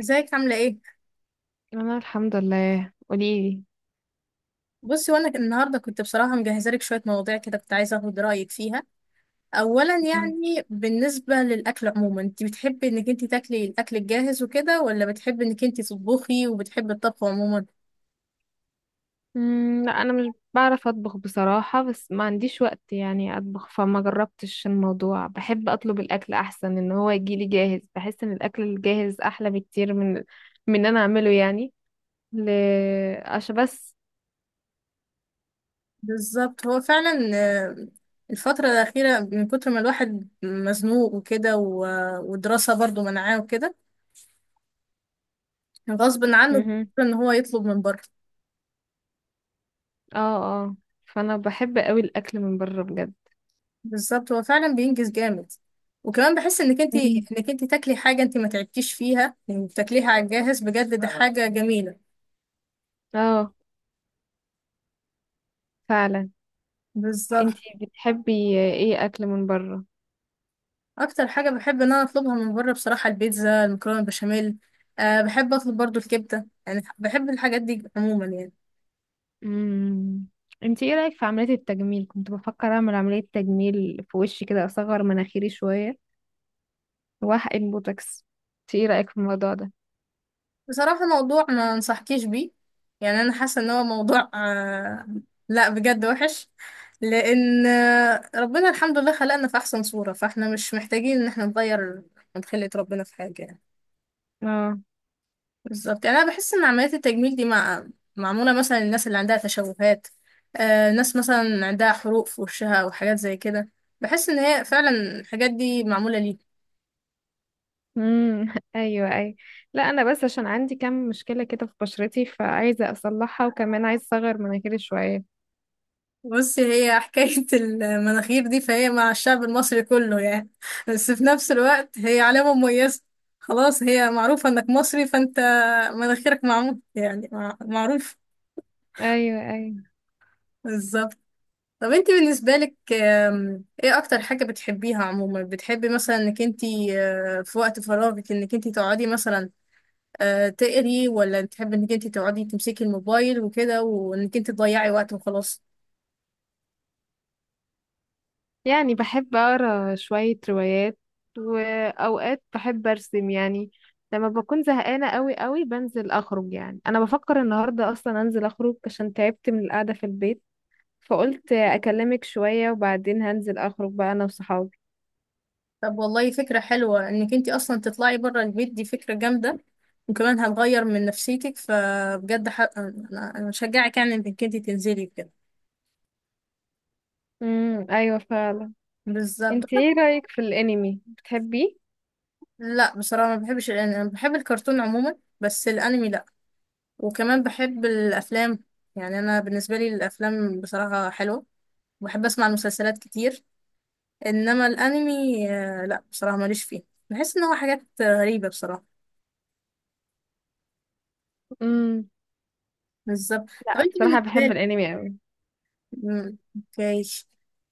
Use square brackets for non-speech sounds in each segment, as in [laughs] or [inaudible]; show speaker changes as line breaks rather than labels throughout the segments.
ازيك عاملة ايه؟
انا الحمد لله. قوليلي.
بصي، وانا النهاردة كنت بصراحة مجهزة لك شوية مواضيع كده، كنت عايزة اخد رأيك فيها. اولا يعني بالنسبة للأكل عموما، انت بتحبي انك انت تاكلي الأكل الجاهز وكده، ولا بتحبي انك انت تطبخي وبتحبي الطبخ عموما؟
لا، انا مش بعرف اطبخ بصراحة، بس ما عنديش وقت يعني اطبخ، فما جربتش الموضوع. بحب اطلب الاكل احسن ان هو يجيلي جاهز، بحس ان الاكل الجاهز احلى بكتير من ان انا اعمله يعني. ل عشان بس
بالظبط، هو فعلا آه، الفترة الأخيرة من كتر ما الواحد مزنوق وكده ودراسة برضو منعاه وكده، غصب عنه
مهم.
ان هو يطلب من بره.
اه. اه. فانا بحب قوي الاكل من بره بجد.
بالظبط، هو فعلا بينجز جامد. وكمان بحس انك انت
مم.
انك انت تاكلي حاجه انت ما تعبتيش فيها، يعني بتاكليها على الجاهز، بجد ده حاجه جميله.
اه فعلا.
بالظبط.
انتي بتحبي ايه اكل من بره؟
اكتر حاجه بحب ان انا اطلبها من بره بصراحه: البيتزا، المكرونه، البشاميل. بحب اطلب برضو الكبده، يعني بحب الحاجات دي عموما يعني.
امم انت ايه رايك في عمليه التجميل؟ كنت بفكر اعمل عمليه تجميل في وشي كده، اصغر مناخيري شويه واحقن بوتوكس. انت ايه رايك في الموضوع ده؟
بصراحه موضوع ما انصحكيش بيه. يعني انا حاسه ان هو موضوع لا بجد وحش. لان ربنا الحمد لله خلقنا في احسن صوره، فاحنا مش محتاجين ان احنا نغير من خلقة ربنا في حاجه يعني.
اه.
بالظبط. يعني انا بحس ان عمليات التجميل دي معموله مثلا للناس اللي عندها تشوهات. ناس مثلا عندها حروق في وشها او حاجات زي كده. بحس ان هي فعلا الحاجات دي معموله ليه.
[laughs] ايوه، ايوه، لا انا بس عشان عندي كام مشكله كده في بشرتي فعايزه اصلحها، وكمان عايزه اصغر مناخيري شويه.
بص، هي [laughs] حكايه المناخير دي فهي مع الشعب المصري كله يعني. بس في نفس الوقت هي علامه مميزه. خلاص، هي معروفه انك مصري، فانت مناخيرك معمول يعني معروف.
ايوه، ايوه.
بالظبط. طب انت بالنسبة لك، ايه اكتر حاجة بتحبيها عموما؟ بتحبي مثلا انك انت في وقت فراغك انك انت تقعدي مثلا تقري، ولا تحبي انك انت تقعدي تمسكي الموبايل وكده وانك انت تضيعي وقت وخلاص؟
يعني بحب أقرأ شوية روايات، وأوقات بحب أرسم يعني. لما بكون زهقانة قوي قوي بنزل أخرج. يعني أنا بفكر النهاردة أصلا أنزل أخرج عشان تعبت من القعدة في البيت، فقلت أكلمك شوية وبعدين هنزل أخرج بقى أنا وصحابي.
طب والله فكرة حلوة، انك انت اصلا تطلعي بره البيت دي فكرة جامدة. وكمان هتغير من نفسيتك، فبجد انا بشجعك يعني انك انت تنزلي كده.
امم، أيوة فعلا.
بالظبط.
انت ايه رأيك في الأنمي، بتحبيه؟
لا بصراحة ما بحبش الانمي، انا بحب الكرتون عموما، بس الانمي لا. وكمان بحب الافلام. يعني انا بالنسبه لي الافلام بصراحه حلوه، وبحب اسمع المسلسلات كتير. انما الانمي لا بصراحه ماليش فيه. بحس ان هو حاجات غريبه بصراحه.
امم
بالظبط. طب
لا
انت
بصراحة
بالنسبه
بحب
لك،
الأنمي قوي.
مم، اوكي،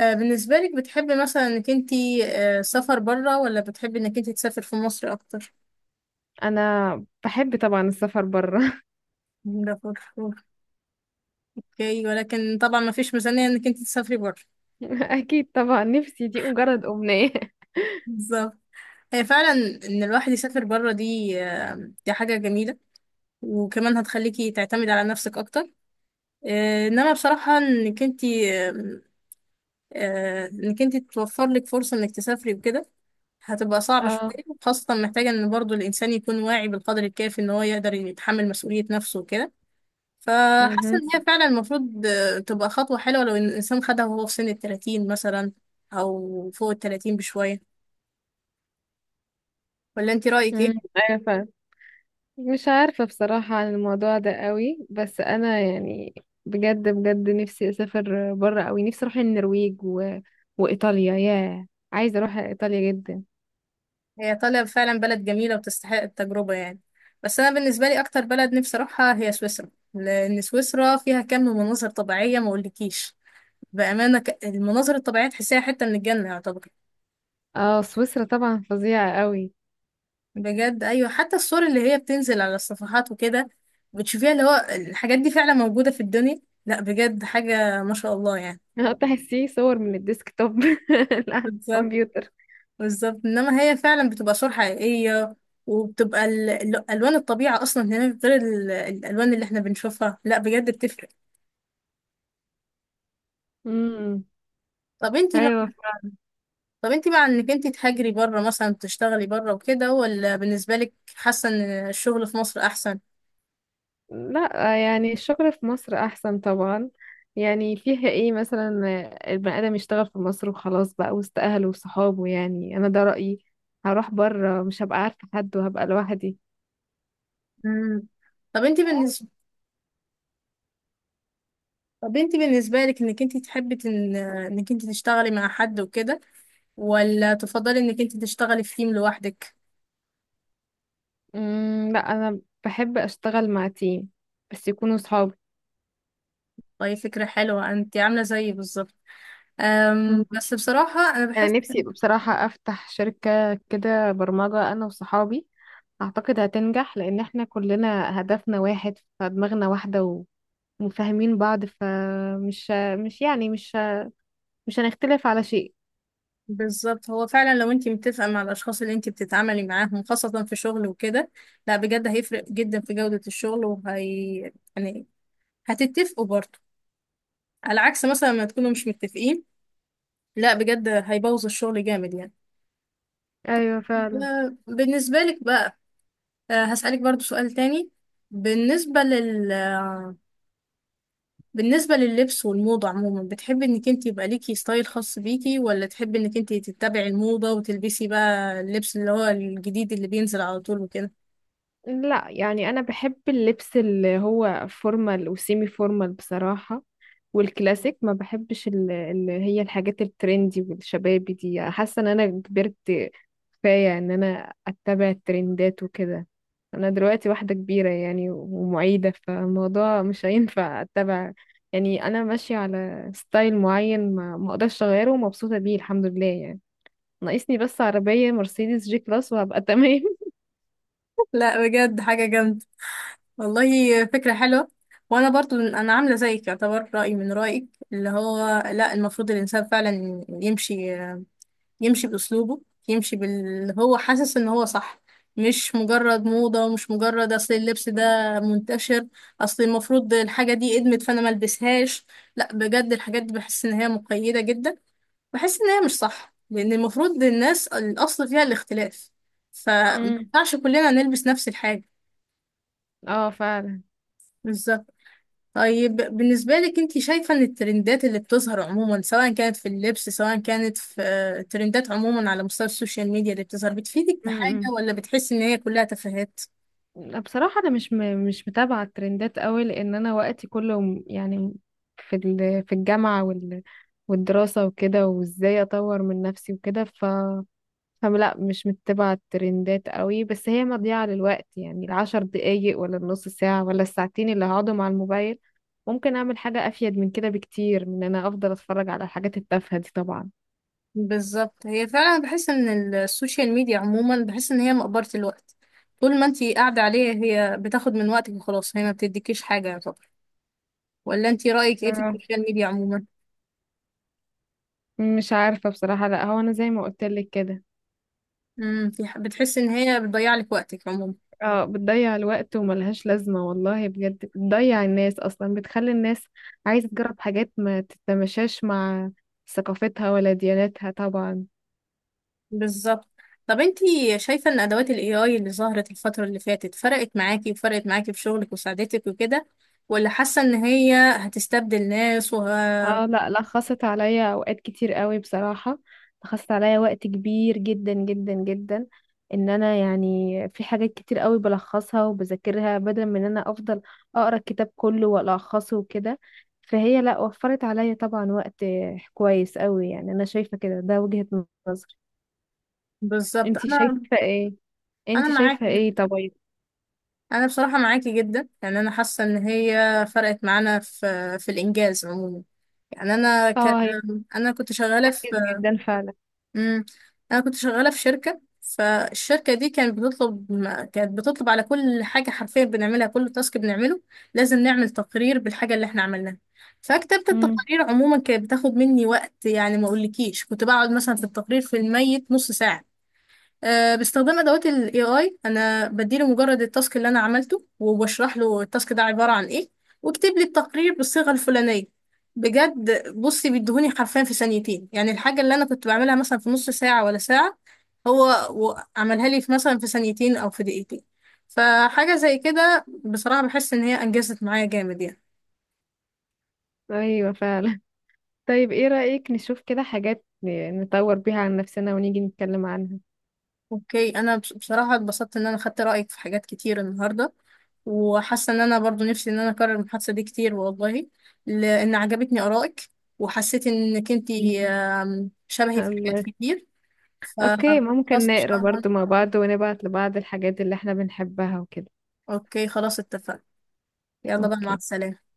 بالنسبه لك بتحبي مثلا انك انت سفر بره، ولا بتحبي انك انت تسافر في مصر اكتر؟
أنا بحب طبعا السفر برا.
ده فر- اوكي، ولكن طبعا ما فيش ميزانيه انك انت تسافري بره.
[laughs] أكيد طبعا، نفسي، دي مجرد أمنية.
بالظبط، هي فعلا ان الواحد يسافر بره دي دي حاجه جميله. وكمان هتخليكي تعتمدي على نفسك اكتر. انما بصراحة انك انتي انك انتي توفر لك فرصة انك تسافري وكده هتبقى صعبة شوية.
اه.
خاصة محتاجة ان برضو الانسان يكون واعي بالقدر الكافي ان هو يقدر يتحمل مسؤولية نفسه وكده.
[laughs]
فحاسة
مهم.
ان هي فعلا المفروض تبقى خطوة حلوة لو ان الانسان خدها وهو في سن التلاتين مثلا، او فوق التلاتين بشوية. ولا انتي رأيك
امم،
ايه؟
ايوه فاهم. مش عارفة بصراحة عن الموضوع ده قوي، بس انا يعني بجد بجد نفسي اسافر بره قوي. نفسي اروح النرويج وايطاليا. ياه، عايزة اروح ايطاليا جدا.
هي ايطاليا فعلا بلد جميله وتستحق التجربه يعني. بس انا بالنسبه لي اكتر بلد نفسي اروحها هي سويسرا، لان سويسرا فيها كم مناظر طبيعيه ما اقولكيش. بامانه المناظر الطبيعيه تحسيها حته من الجنه يعتبر.
اه سويسرا طبعا فظيعة قوي.
بجد ايوه، حتى الصور اللي هي بتنزل على الصفحات وكده بتشوفيها، اللي هو الحاجات دي فعلا موجوده في الدنيا، لا بجد حاجه ما شاء الله يعني.
[laughs] تحسيه صور من الديسك توب على [laughs]
بالظبط.
الكمبيوتر.
بالظبط، انما هي فعلا بتبقى صور حقيقيه. وبتبقى الوان الطبيعه اصلا هناك غير الالوان اللي احنا بنشوفها، لا بجد بتفرق.
امم،
طب انتي مع...
ايوه.
طب انتي مع انك انتي تهاجري بره مثلا تشتغلي بره وكده، ولا بالنسبه لك حاسه ان الشغل في مصر احسن؟
لا يعني الشغل في مصر احسن طبعا. يعني فيها ايه مثلا البني ادم يشتغل في مصر وخلاص، بقى وسط اهله وصحابه. يعني انا ده رأيي. هروح بره مش هبقى عارفة حد وهبقى لوحدي.
مم. طب انتي بالنسبه طب انتي بالنسبه لك انك انتي تحبي انك انتي تشتغلي مع حد وكده، ولا تفضلي انك انتي تشتغلي في تيم لوحدك؟
لا انا بحب اشتغل مع تيم، بس يكونوا صحابي.
طيب فكره حلوه، انتي عامله زيي بالظبط.
مم.
بس بصراحه انا
انا
بحس.
نفسي بصراحة افتح شركة كده برمجة انا وصحابي. اعتقد هتنجح لان احنا كلنا هدفنا واحد، فدماغنا واحدة وفاهمين بعض، فمش مش يعني مش مش هنختلف على شيء.
بالظبط، هو فعلا لو انتي متفقه مع الاشخاص اللي انتي بتتعاملي معاهم، خاصه في شغل وكده، لا بجد هيفرق جدا في جوده الشغل. وهي يعني هتتفقوا برضه، على عكس مثلا ما تكونوا مش متفقين، لا بجد هيبوظ الشغل جامد يعني.
ايوه فعلا.
بالنسبة لك بقى، هسألك برضه سؤال تاني. بالنسبة لل آه، بالنسبة لللبس والموضة عموما، بتحبي انك انت يبقى ليكي ستايل خاص بيكي، ولا تحبي انك انت تتبعي الموضة وتلبسي بقى اللبس اللي هو الجديد اللي بينزل على طول وكده؟
لا يعني انا بحب اللبس اللي هو فورمال وسيمي فورمال بصراحة، والكلاسيك. ما بحبش اللي هي الحاجات الترندي والشبابي دي. حاسة ان انا كبرت كفاية ان انا اتبع الترندات وكده. انا دلوقتي واحدة كبيرة يعني ومعيدة، فالموضوع مش هينفع اتبع. يعني انا ماشية على ستايل معين، ما اقدرش اغيره، ومبسوطة بيه الحمد لله يعني. ناقصني بس عربية مرسيدس جي كلاس وهبقى [laughs] تمام.
[laughs] لا بجد حاجة جامدة. والله فكرة حلوة. وانا برضو انا عاملة زيك يعتبر، رأيي من رأيك، اللي هو لا، المفروض الانسان فعلا يمشي، يمشي باسلوبه، يمشي باللي هو حاسس ان هو صح. مش مجرد موضة، ومش مجرد اصل اللبس ده منتشر، اصل المفروض الحاجة دي ادمت فانا ملبسهاش. لا بجد الحاجات دي بحس ان هي مقيدة جدا. بحس ان هي مش صح، لان المفروض الناس الاصل فيها الاختلاف. اه،
امم.
فمينفعش كلنا نلبس نفس الحاجة.
اه فعلا.
بالظبط. طيب بالنسبة لك، انت شايفة ان الترندات اللي بتظهر عموما، سواء كانت في اللبس سواء كانت في ترندات عموما على مستوى السوشيال ميديا اللي بتظهر، بتفيدك بحاجة
امم،
ولا بتحسي ان هي كلها تفاهات؟
بصراحة انا مش متابعة الترندات قوي، لان انا وقتي كله يعني في الجامعة والدراسة وكده، وازاي اطور من نفسي وكده. فلا مش متبعة الترندات قوي. بس هي مضيعة للوقت. يعني العشر دقايق ولا النص ساعة ولا الساعتين اللي هقعدهم على الموبايل ممكن اعمل حاجة افيد من كده بكتير من ان انا افضل اتفرج على الحاجات التافهة دي طبعا.
بالظبط، هي فعلا بحس ان السوشيال ميديا عموما بحس ان هي مقبرة الوقت. طول ما انت قاعدة عليها هي بتاخد من وقتك وخلاص، هي ما بتديكيش حاجة يعتبر. ولا انت رأيك ايه في
آه،
السوشيال ميديا عموما؟
مش عارفة بصراحة، لا هو انا زي ما قلت لك كده.
امم، بتحسي ان هي بتضيع لك وقتك عموما.
اه، بتضيع الوقت وملهاش لازمة والله بجد. بتضيع الناس أصلا، بتخلي الناس عايزة تجرب حاجات ما تتماشاش مع ثقافتها ولا دياناتها طبعا.
بالظبط. طب انتي شايفة ان ادوات الاي اي اللي ظهرت الفترة اللي فاتت فرقت معاكي، وفرقت معاكي في شغلك وساعدتك وكده، ولا حاسة ان هي هتستبدل ناس
اه لا لا، خاصت عليا أوقات كتير قوي بصراحة. خاصت عليا وقت كبير جدا جدا جدا. ان انا يعني في حاجات كتير قوي بلخصها وبذاكرها بدل من ان انا افضل اقرا الكتاب كله والخصه وكده. فهي لا، وفرت عليا طبعا وقت كويس قوي يعني. انا شايفة كده، ده وجهة نظري.
بالظبط.
انتي
انا
شايفة ايه؟
انا
انتي شايفة
معاكي جدا.
ايه طيب؟
انا بصراحة معاكي جدا. يعني انا حاسة ان هي فرقت معانا في الانجاز عموما. يعني انا
اه هي
انا كنت
[laughs]
شغالة.
بتنجز جدا فعلا.
امم، انا كنت شغاله في شركه، فالشركه دي كانت بتطلب كانت بتطلب على كل حاجه حرفيا بنعملها. كل تاسك بنعمله لازم نعمل تقرير بالحاجه اللي احنا عملناها. فكتابه
امم،
التقارير عموما كانت بتاخد مني وقت، يعني ما اقولكيش كنت بقعد مثلا في التقرير في الـ100 نص ساعه. باستخدام ادوات الاي اي انا بديله مجرد التاسك اللي انا عملته، وبشرح له التاسك ده عباره عن ايه، واكتب لي التقرير بالصيغه الفلانيه. بجد بصي بيديهوني حرفيا في ثانيتين. يعني الحاجه اللي انا كنت بعملها مثلا في نص ساعه ولا ساعه، هو عملها لي في مثلا في ثانيتين او في دقيقتين. فحاجه زي كده بصراحه بحس ان هي انجزت معايا جامد يعني.
ايوه فعلا. [laughs] طيب ايه رأيك نشوف كده حاجات نطور بيها عن نفسنا ونيجي نتكلم عنها.
اوكي، انا بصراحة اتبسطت ان انا خدت رأيك في حاجات كتير النهاردة. وحاسة ان انا برضو نفسي ان انا اكرر المحادثة دي كتير والله، لان عجبتني آرائك، وحسيت انك انتي
[laughs]
شبهي في
الله
حاجات
يخ-
كتير.
اوكي، ممكن
فخلاص ان
نقرا
شاء الله.
برضو مع بعض ونبعت لبعض الحاجات اللي احنا بنحبها وكده.
اوكي خلاص اتفقنا. يلا بقى مع
اوكي.
السلامة.